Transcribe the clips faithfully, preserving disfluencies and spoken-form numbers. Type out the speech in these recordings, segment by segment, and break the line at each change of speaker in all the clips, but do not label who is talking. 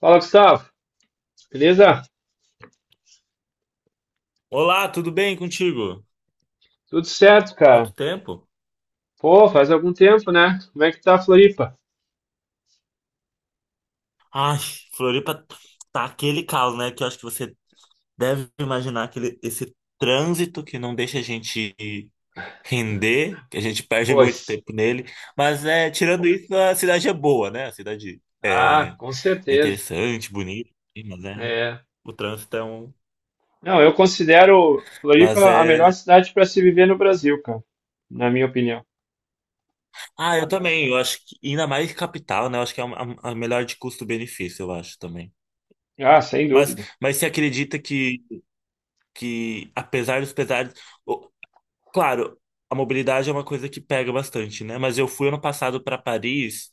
Fala, Gustavo. Beleza?
Olá, tudo bem contigo?
Tudo certo,
Quanto
cara.
tempo?
Pô, faz algum tempo, né? Como é que tá a Floripa?
Ai, Floripa tá aquele caos, né? Que eu acho que você deve imaginar aquele, esse trânsito que não deixa a gente render, que a gente perde
Pois.
muito tempo nele. Mas é, tirando isso, a cidade é boa, né? A cidade
Ah,
é,
com
é
certeza.
interessante, bonita, mas é,
É.
o trânsito é um.
Não, eu considero
Mas
Floripa a
é.
melhor cidade para se viver no Brasil, cara. Na minha opinião.
Ah, eu também. Eu acho que ainda mais capital, né? Eu acho que é a, a a melhor de custo-benefício, eu acho também.
Ah, sem
Mas,
dúvida.
mas você acredita que que apesar dos pesares, o- claro, a mobilidade é uma coisa que pega bastante, né? Mas eu fui ano passado para Paris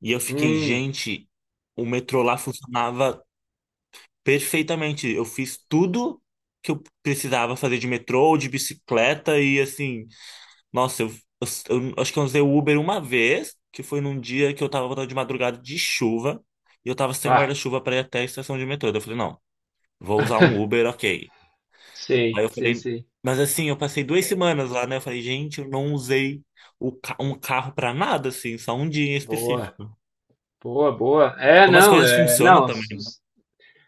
e eu fiquei,
Hum,
gente, o metrô lá funcionava perfeitamente. Eu fiz tudo que eu precisava fazer de metrô, ou de bicicleta e assim, nossa, eu, eu- eu acho que eu usei o Uber uma vez, que foi num dia que eu tava voltando de madrugada de chuva. E eu tava sem
bah.
guarda-chuva para ir até a estação de metrô. Daí eu falei, não, vou usar um Uber, ok. Aí
Sei,
eu
sei,
falei,
sei.
mas assim, eu passei duas semanas lá, né? Eu falei, gente, eu não usei o ca- um carro pra nada, assim, só um dia em
Boa,
específico.
boa, boa. É,
Como as
não,
coisas
é,
funcionam
não.
também, né?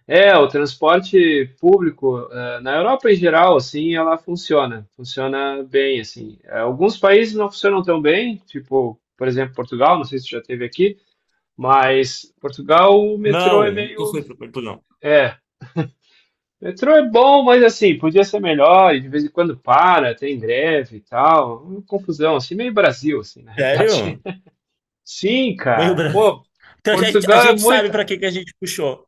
É, o transporte público, eh, na Europa em geral, assim, ela funciona, funciona bem, assim. Eh, Alguns países não funcionam tão bem, tipo, por exemplo, Portugal, não sei se tu já teve aqui, mas Portugal o metrô
Não,
é
nunca
meio,
fui pra Portugal.
é, metrô é bom, mas assim, podia ser melhor, e de vez em quando para, tem greve e tal, uma confusão, assim, meio Brasil, assim, na realidade.
Sério?
Sim,
Meio
cara,
branco.
pô.
Então a gente, a
Portugal é
gente sabe
muito.
pra que que a gente puxou.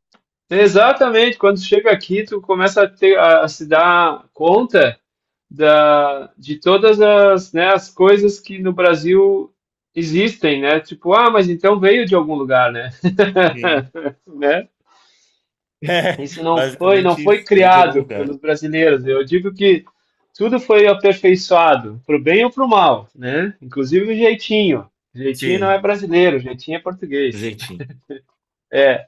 Exatamente, quando chega aqui, tu começa a, ter, a, a se dar conta da, de todas as, né, as coisas que no Brasil existem, né? Tipo, ah, mas então veio de algum lugar, né?
Sim.
Né?
É,
Isso não foi, não
basicamente
foi
isso. Veio de algum
criado
lugar.
pelos brasileiros. Eu digo que tudo foi aperfeiçoado, pro bem ou pro mal, né? Inclusive o jeitinho. O jeitinho não é
Sim,
brasileiro, o jeitinho é português.
jeitinho.
É,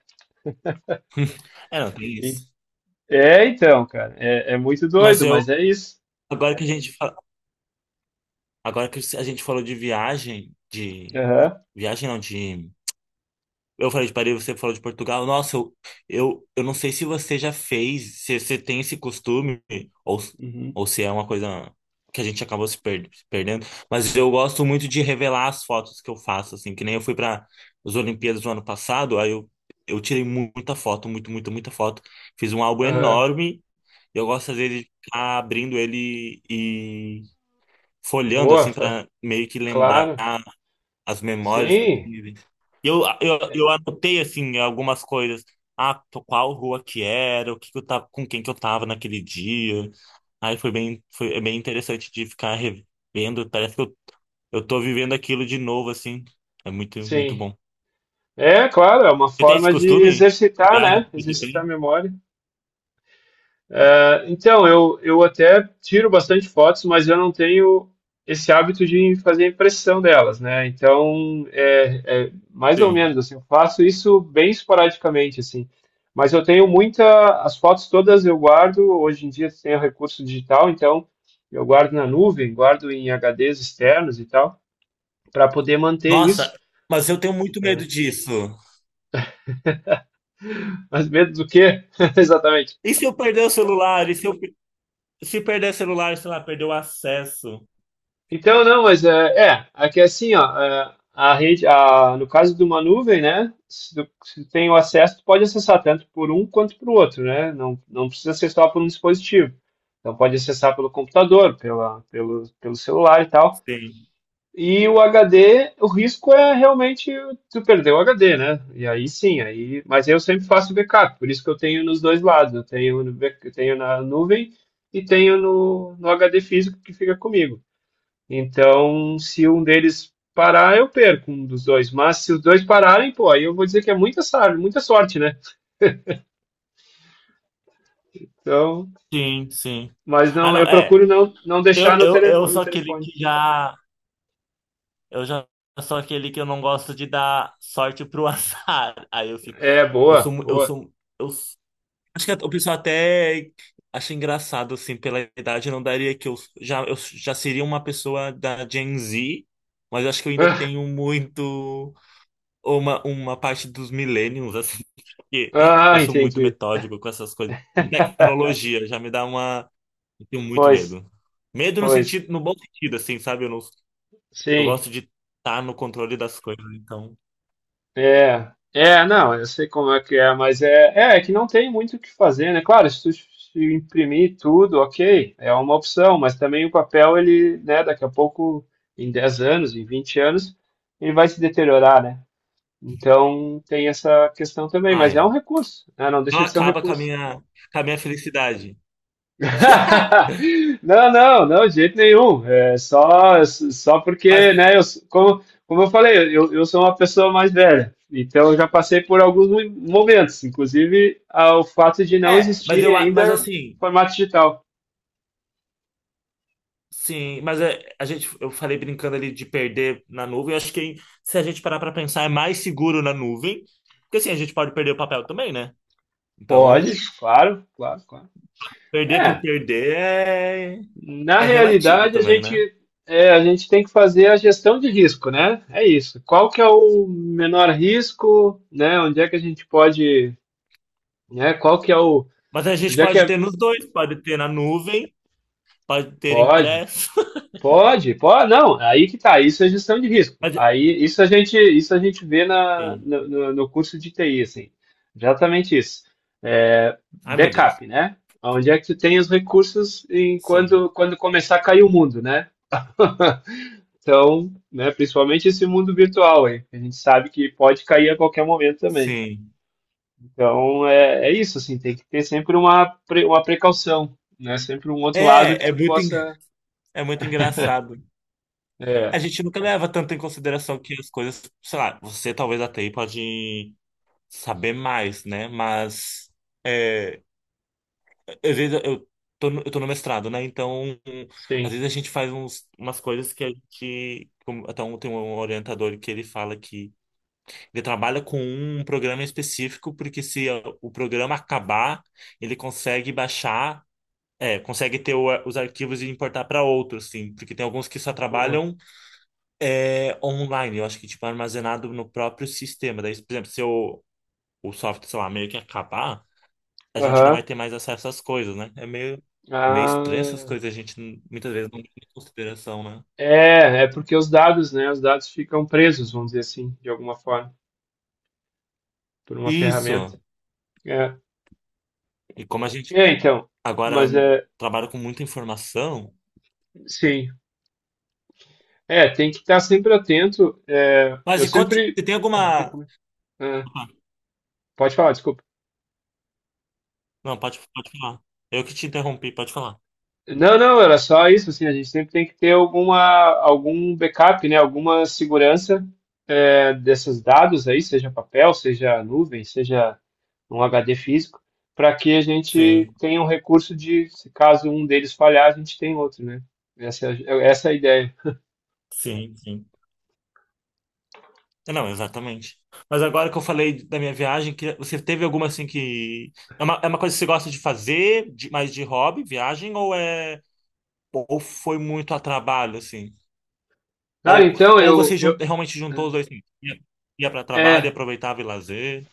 É, não, tem
e-
isso.
é então, cara, é, é muito
Mas
doido,
eu,
mas é isso.
agora que a gente, fa- agora que a gente falou de viagem, de
Aham,
viagem não, de eu falei de Paris, você falou de Portugal. Nossa, eu, eu, eu não sei se você já fez, se você tem esse costume, ou,
uhum.
ou se é uma coisa que a gente acabou se per- se perdendo, mas eu gosto muito de revelar as fotos que eu faço, assim, que nem eu fui para as Olimpíadas do ano passado, aí eu, eu tirei mu- muita foto, muito, muita, muita foto. Fiz um álbum
Aham.
enorme, e eu gosto às vezes de ficar abrindo ele e folheando,
Boa,
assim,
fa-
para meio que lembrar
claro.
as memórias que eu
Sim,
tive. Eu, eu, eu anotei, assim, algumas coisas. Ah, to- qual rua que era, o que que eu tava, com quem que eu tava naquele dia. Aí foi bem, foi é bem interessante de ficar revendo. Parece que eu, eu tô vivendo aquilo de novo, assim. É muito, muito
sim.
bom.
É, claro, é uma
Você tem esse
forma de
costume?
exercitar,
Viagem
né?
que você
Exercitar a
tem?
memória. É, então, eu, eu até tiro bastante fotos, mas eu não tenho esse hábito de fazer impressão delas, né? Então, é, é mais ou
Sim.
menos assim, eu faço isso bem esporadicamente, assim. Mas eu tenho muita, as fotos todas eu guardo, hoje em dia tem o recurso digital, então eu guardo na nuvem, guardo em H Ds externos e tal, para poder manter
Nossa,
isso.
mas eu tenho muito medo
É.
disso.
Mas medo do quê? Exatamente.
E se eu perder o celular? E se eu, pe- se perder o celular, sei lá, perder o acesso?
Então, não, mas é, é, aqui é assim, ó, é, a rede, a, no caso de uma nuvem, né, se tu, se tu tem o acesso, tu pode acessar tanto por um quanto por outro, né, não, não precisa acessar por um dispositivo. Então, pode acessar pelo computador, pela, pelo, pelo celular e tal.
Sim.
E o H D, o risco é realmente tu perder o H D, né? E aí sim, aí, mas eu sempre faço backup, por isso que eu tenho nos dois lados, eu tenho, no, back- eu tenho na nuvem e tenho no, no H D físico que fica comigo. Então, se um deles parar, eu perco um dos dois. Mas se os dois pararem, pô, aí eu vou dizer que é muita sorte, muita sorte, né? Então,
Sim, sim.
mas
Ah,
não,
não,
eu
é.
procuro não, não deixar
Eu,
no,
eu,
tele,
eu
no
sou aquele que
telefone.
já. Eu já sou aquele que eu não gosto de dar sorte pro azar. Aí eu fico.
É,
Eu sou.
boa,
mu- Eu
boa.
sou. Eu, s- Acho que o pessoal até acha engraçado, assim, pela idade. Eu não daria que eu já, eu já seria uma pessoa da Gen Z, mas eu acho que eu ainda tenho muito. Uma, uma parte dos millennials, assim, porque
Ah,
eu sou muito
entendi.
metódico com essas coisas. Tecnologia já me dá uma. Eu tenho muito
Pois,
medo. Medo no
pois,
sentido, no bom sentido, assim, sabe? Eu não, eu
sim.
gosto de estar no controle das coisas, então.
É, é, não, eu sei como é que é, mas é, é, é que não tem muito o que fazer, né? Claro, se tu se imprimir tudo, ok, é uma opção, mas também o papel, ele, né, daqui a pouco, em dez anos, em vinte anos, ele vai se deteriorar, né? Então tem essa questão também, mas
Ai,
é um recurso, né? Não
não
deixa de ser um
acaba com a
recurso.
minha, com a minha felicidade.
Não, não, não, de jeito nenhum. É só, só
Mas,
porque, né, eu, como, como eu falei, eu, eu sou uma pessoa mais velha, então eu já passei por alguns mo- momentos, inclusive ao fato de não
é, mas
existirem
eu, a-
ainda
mas assim,
formato digital.
sim, mas é, a gente, eu falei brincando ali de perder na nuvem. Eu acho que hein, se a gente parar pra pensar, é mais seguro na nuvem, porque assim, a gente pode perder o papel também, né?
Pode,
Então,
claro, claro, claro.
perder por
É,
perder é,
na
é relativo
realidade a
também,
gente,
né?
é, a gente tem que fazer a gestão de risco, né? É isso. Qual que é o menor risco, né? Onde é que a gente pode, né? Qual que é o,
Mas a gente
onde é que
pode
é.
ter nos dois, pode ter na nuvem, pode ter
Pode,
impresso.
pode, pode, não, aí que tá, isso é gestão de risco.
Mas,
Aí isso a gente, isso a gente vê na,
sim.
no, no- no curso de T I, assim, exatamente isso. É,
Ai, meu Deus.
backup, né? Onde é que tu tem os recursos em
Sim.
quando, quando começar a cair o mundo, né? Então, né, principalmente esse mundo virtual aí, que a gente sabe que pode cair a qualquer momento também.
Sim.
Então, é, é isso, assim, tem que ter sempre uma, pre- uma precaução, né? Sempre um outro lado que
É, é
tu
muito, en-
possa,
é muito engraçado. A
é,
gente nunca leva tanto em consideração que as coisas, sei lá, você talvez até aí pode saber mais, né? Mas é, às vezes eu tô no, eu tô no mestrado, né? Então, às
sim.
vezes a gente faz uns, umas coisas que a gente. como- Até um, tem um orientador que ele fala que ele trabalha com um programa específico, porque se o programa acabar, ele consegue baixar. É, consegue ter o- os arquivos e importar para outros, sim, porque tem alguns que só
Boa.
trabalham é, online, eu acho que tipo armazenado no próprio sistema. Daí, por exemplo, se o, o software, sei lá, meio que acabar, a gente não vai
Aham.
ter mais acesso às coisas, né? É meio, meio estranho essas
Ah,
coisas, a gente não- muitas vezes não tem em consideração, né?
é, é porque os dados, né? Os dados ficam presos, vamos dizer assim, de alguma forma, por uma ferramenta.
Isso.
É,
E como a gente
é então.
agora
Mas é,
trabalha com muita informação,
sim. É, tem que estar sempre atento. É,
mas
eu
e conte,
sempre
você tem alguma.
recomendo. Ah, pode falar, desculpa.
Não, pode, pode falar. Eu que te interrompi, pode falar.
Não, não, era só isso, assim, a gente sempre tem que ter alguma, algum backup, né, alguma segurança é, desses dados aí, seja papel, seja nuvem, seja um H D físico, para que a gente
Sim,
tenha um recurso de, se caso um deles falhar, a gente tem outro, né? Essa, é a- essa é a ideia.
sim, sim. É, não, exatamente. Mas agora que eu falei da minha viagem, que você teve alguma assim que. É uma, é uma coisa que você gosta de fazer, de, mais de hobby, viagem, ou é. Ou foi muito a trabalho, assim?
Cara,
Ou,
então,
ou
eu,
você jun-
eu,
realmente juntou os dois, assim, ia, ia para trabalho e
é,
aproveitava e lazer?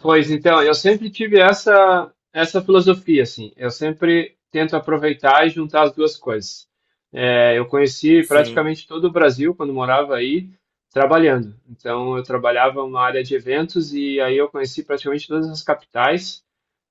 Pois então, eu sempre tive essa essa filosofia assim. Eu sempre tento aproveitar e juntar as duas coisas. É, eu conheci
Sim,
praticamente todo o Brasil quando morava aí trabalhando. Então eu trabalhava numa área de eventos e aí eu conheci praticamente todas as capitais.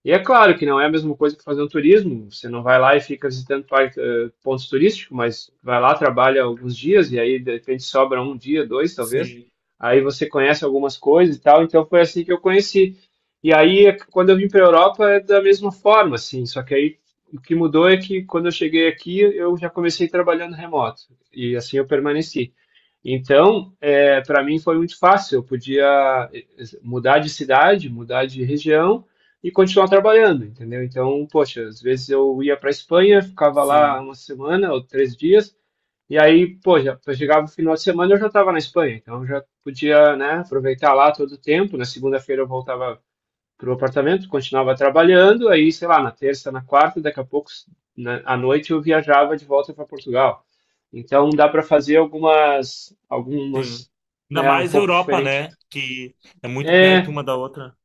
E é claro que não é a mesma coisa que fazer um turismo. Você não vai lá e fica visitando par- eh, pontos turísticos, mas vai lá, trabalha alguns dias e aí de repente sobra um dia, dois talvez.
sim,
Aí você conhece algumas coisas e tal. Então foi assim que eu conheci. E aí, quando eu vim para a Europa, é da mesma forma, assim, só que aí o que mudou é que quando eu cheguei aqui, eu já comecei trabalhando remoto, e assim eu permaneci. Então, é, para mim foi muito fácil, eu podia eh, mudar de cidade, mudar de região e continuar trabalhando, entendeu? Então, poxa, às vezes eu ia para a Espanha, ficava lá
sim,
uma semana ou três dias, e aí, pô, já eu chegava no final de semana eu já estava na Espanha, então eu já podia, né, aproveitar lá todo o tempo. Na segunda-feira eu voltava para o apartamento, continuava trabalhando, aí, sei lá, na terça, na quarta, daqui a pouco, na, à noite, eu viajava de volta para Portugal. Então, dá para fazer algumas,
sim.
algumas,
Ainda
né, um
mais
pouco
Europa,
diferente.
né? Que é muito perto
É,
uma da outra.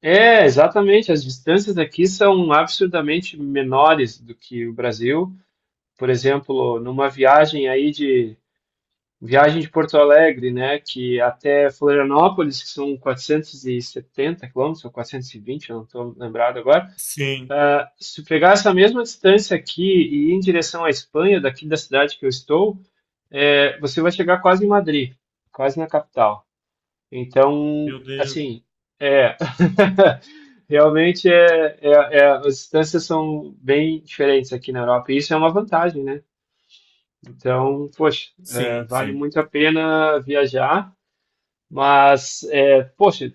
é, exatamente, as distâncias aqui são absurdamente menores do que o Brasil. Por exemplo, numa viagem aí de, viagem de Porto Alegre, né, que até Florianópolis, que são quatrocentos e setenta quilômetros, ou quatrocentos e vinte, eu não estou lembrado agora.
Sim,
Ah, se pegar essa mesma distância aqui e ir em direção à Espanha, daqui da cidade que eu estou, é, você vai chegar quase em Madrid, quase na capital. Então,
meu Deus.
assim, é, realmente é, é, é- as distâncias são bem diferentes aqui na Europa, e isso é uma vantagem, né? Então, poxa, é,
Sim,
vale
sim.
muito a pena viajar, mas, é, poxa,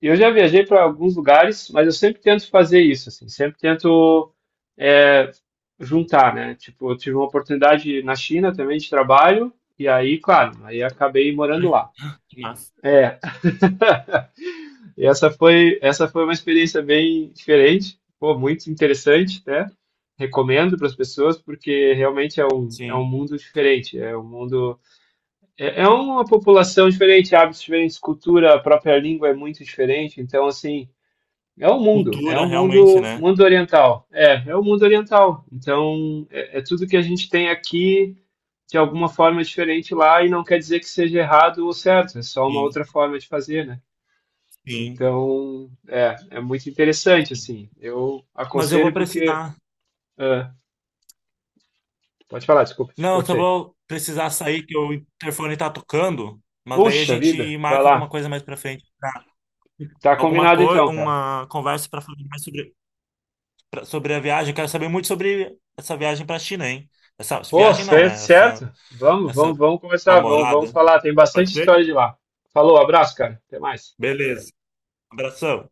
eu já viajei para alguns lugares, mas eu sempre tento fazer isso, assim, sempre tento é, juntar, né? Tipo, eu tive uma oportunidade na China também de trabalho, e aí, claro, aí acabei morando
Ai, que
lá.
que massa.
É, e essa foi, essa foi uma experiência bem diferente, pô, muito interessante, né? Recomendo para as pessoas, porque realmente é um, é um
Sim.
mundo diferente, é um mundo, é, é uma população diferente, hábitos diferentes, cultura, a própria língua é muito diferente, então, assim, é o mundo, é
Cultura,
o
realmente,
mundo,
né?
mundo oriental. É, é o mundo oriental. Então, é, é tudo que a gente tem aqui de alguma forma diferente lá e não quer dizer que seja errado ou certo, é só uma
Sim.
outra forma de fazer, né?
Sim,
Então, é, é muito interessante,
sim.
assim. Eu
Mas eu vou
aconselho porque...
precisar.
ah, pode falar, desculpa, te
Não, eu só
cortei.
vou precisar sair que o interfone tá tocando, mas daí a
Puxa vida,
gente
vai
marca alguma
lá.
coisa mais pra frente, pra-
Tá
alguma
combinado
coisa,
então, cara.
uma conversa pra falar mais sobre pra- sobre a viagem. Eu quero saber muito sobre essa viagem pra China, hein? Essa
Pô,
viagem não,
certo,
né? Essa
certo. Vamos,
essa
vamos, vamos conversar, vamos, vamos
namorada.
falar. Tem
Pode
bastante
ser?
história de lá. Falou, abraço, cara. Até mais.
Beleza. Abração.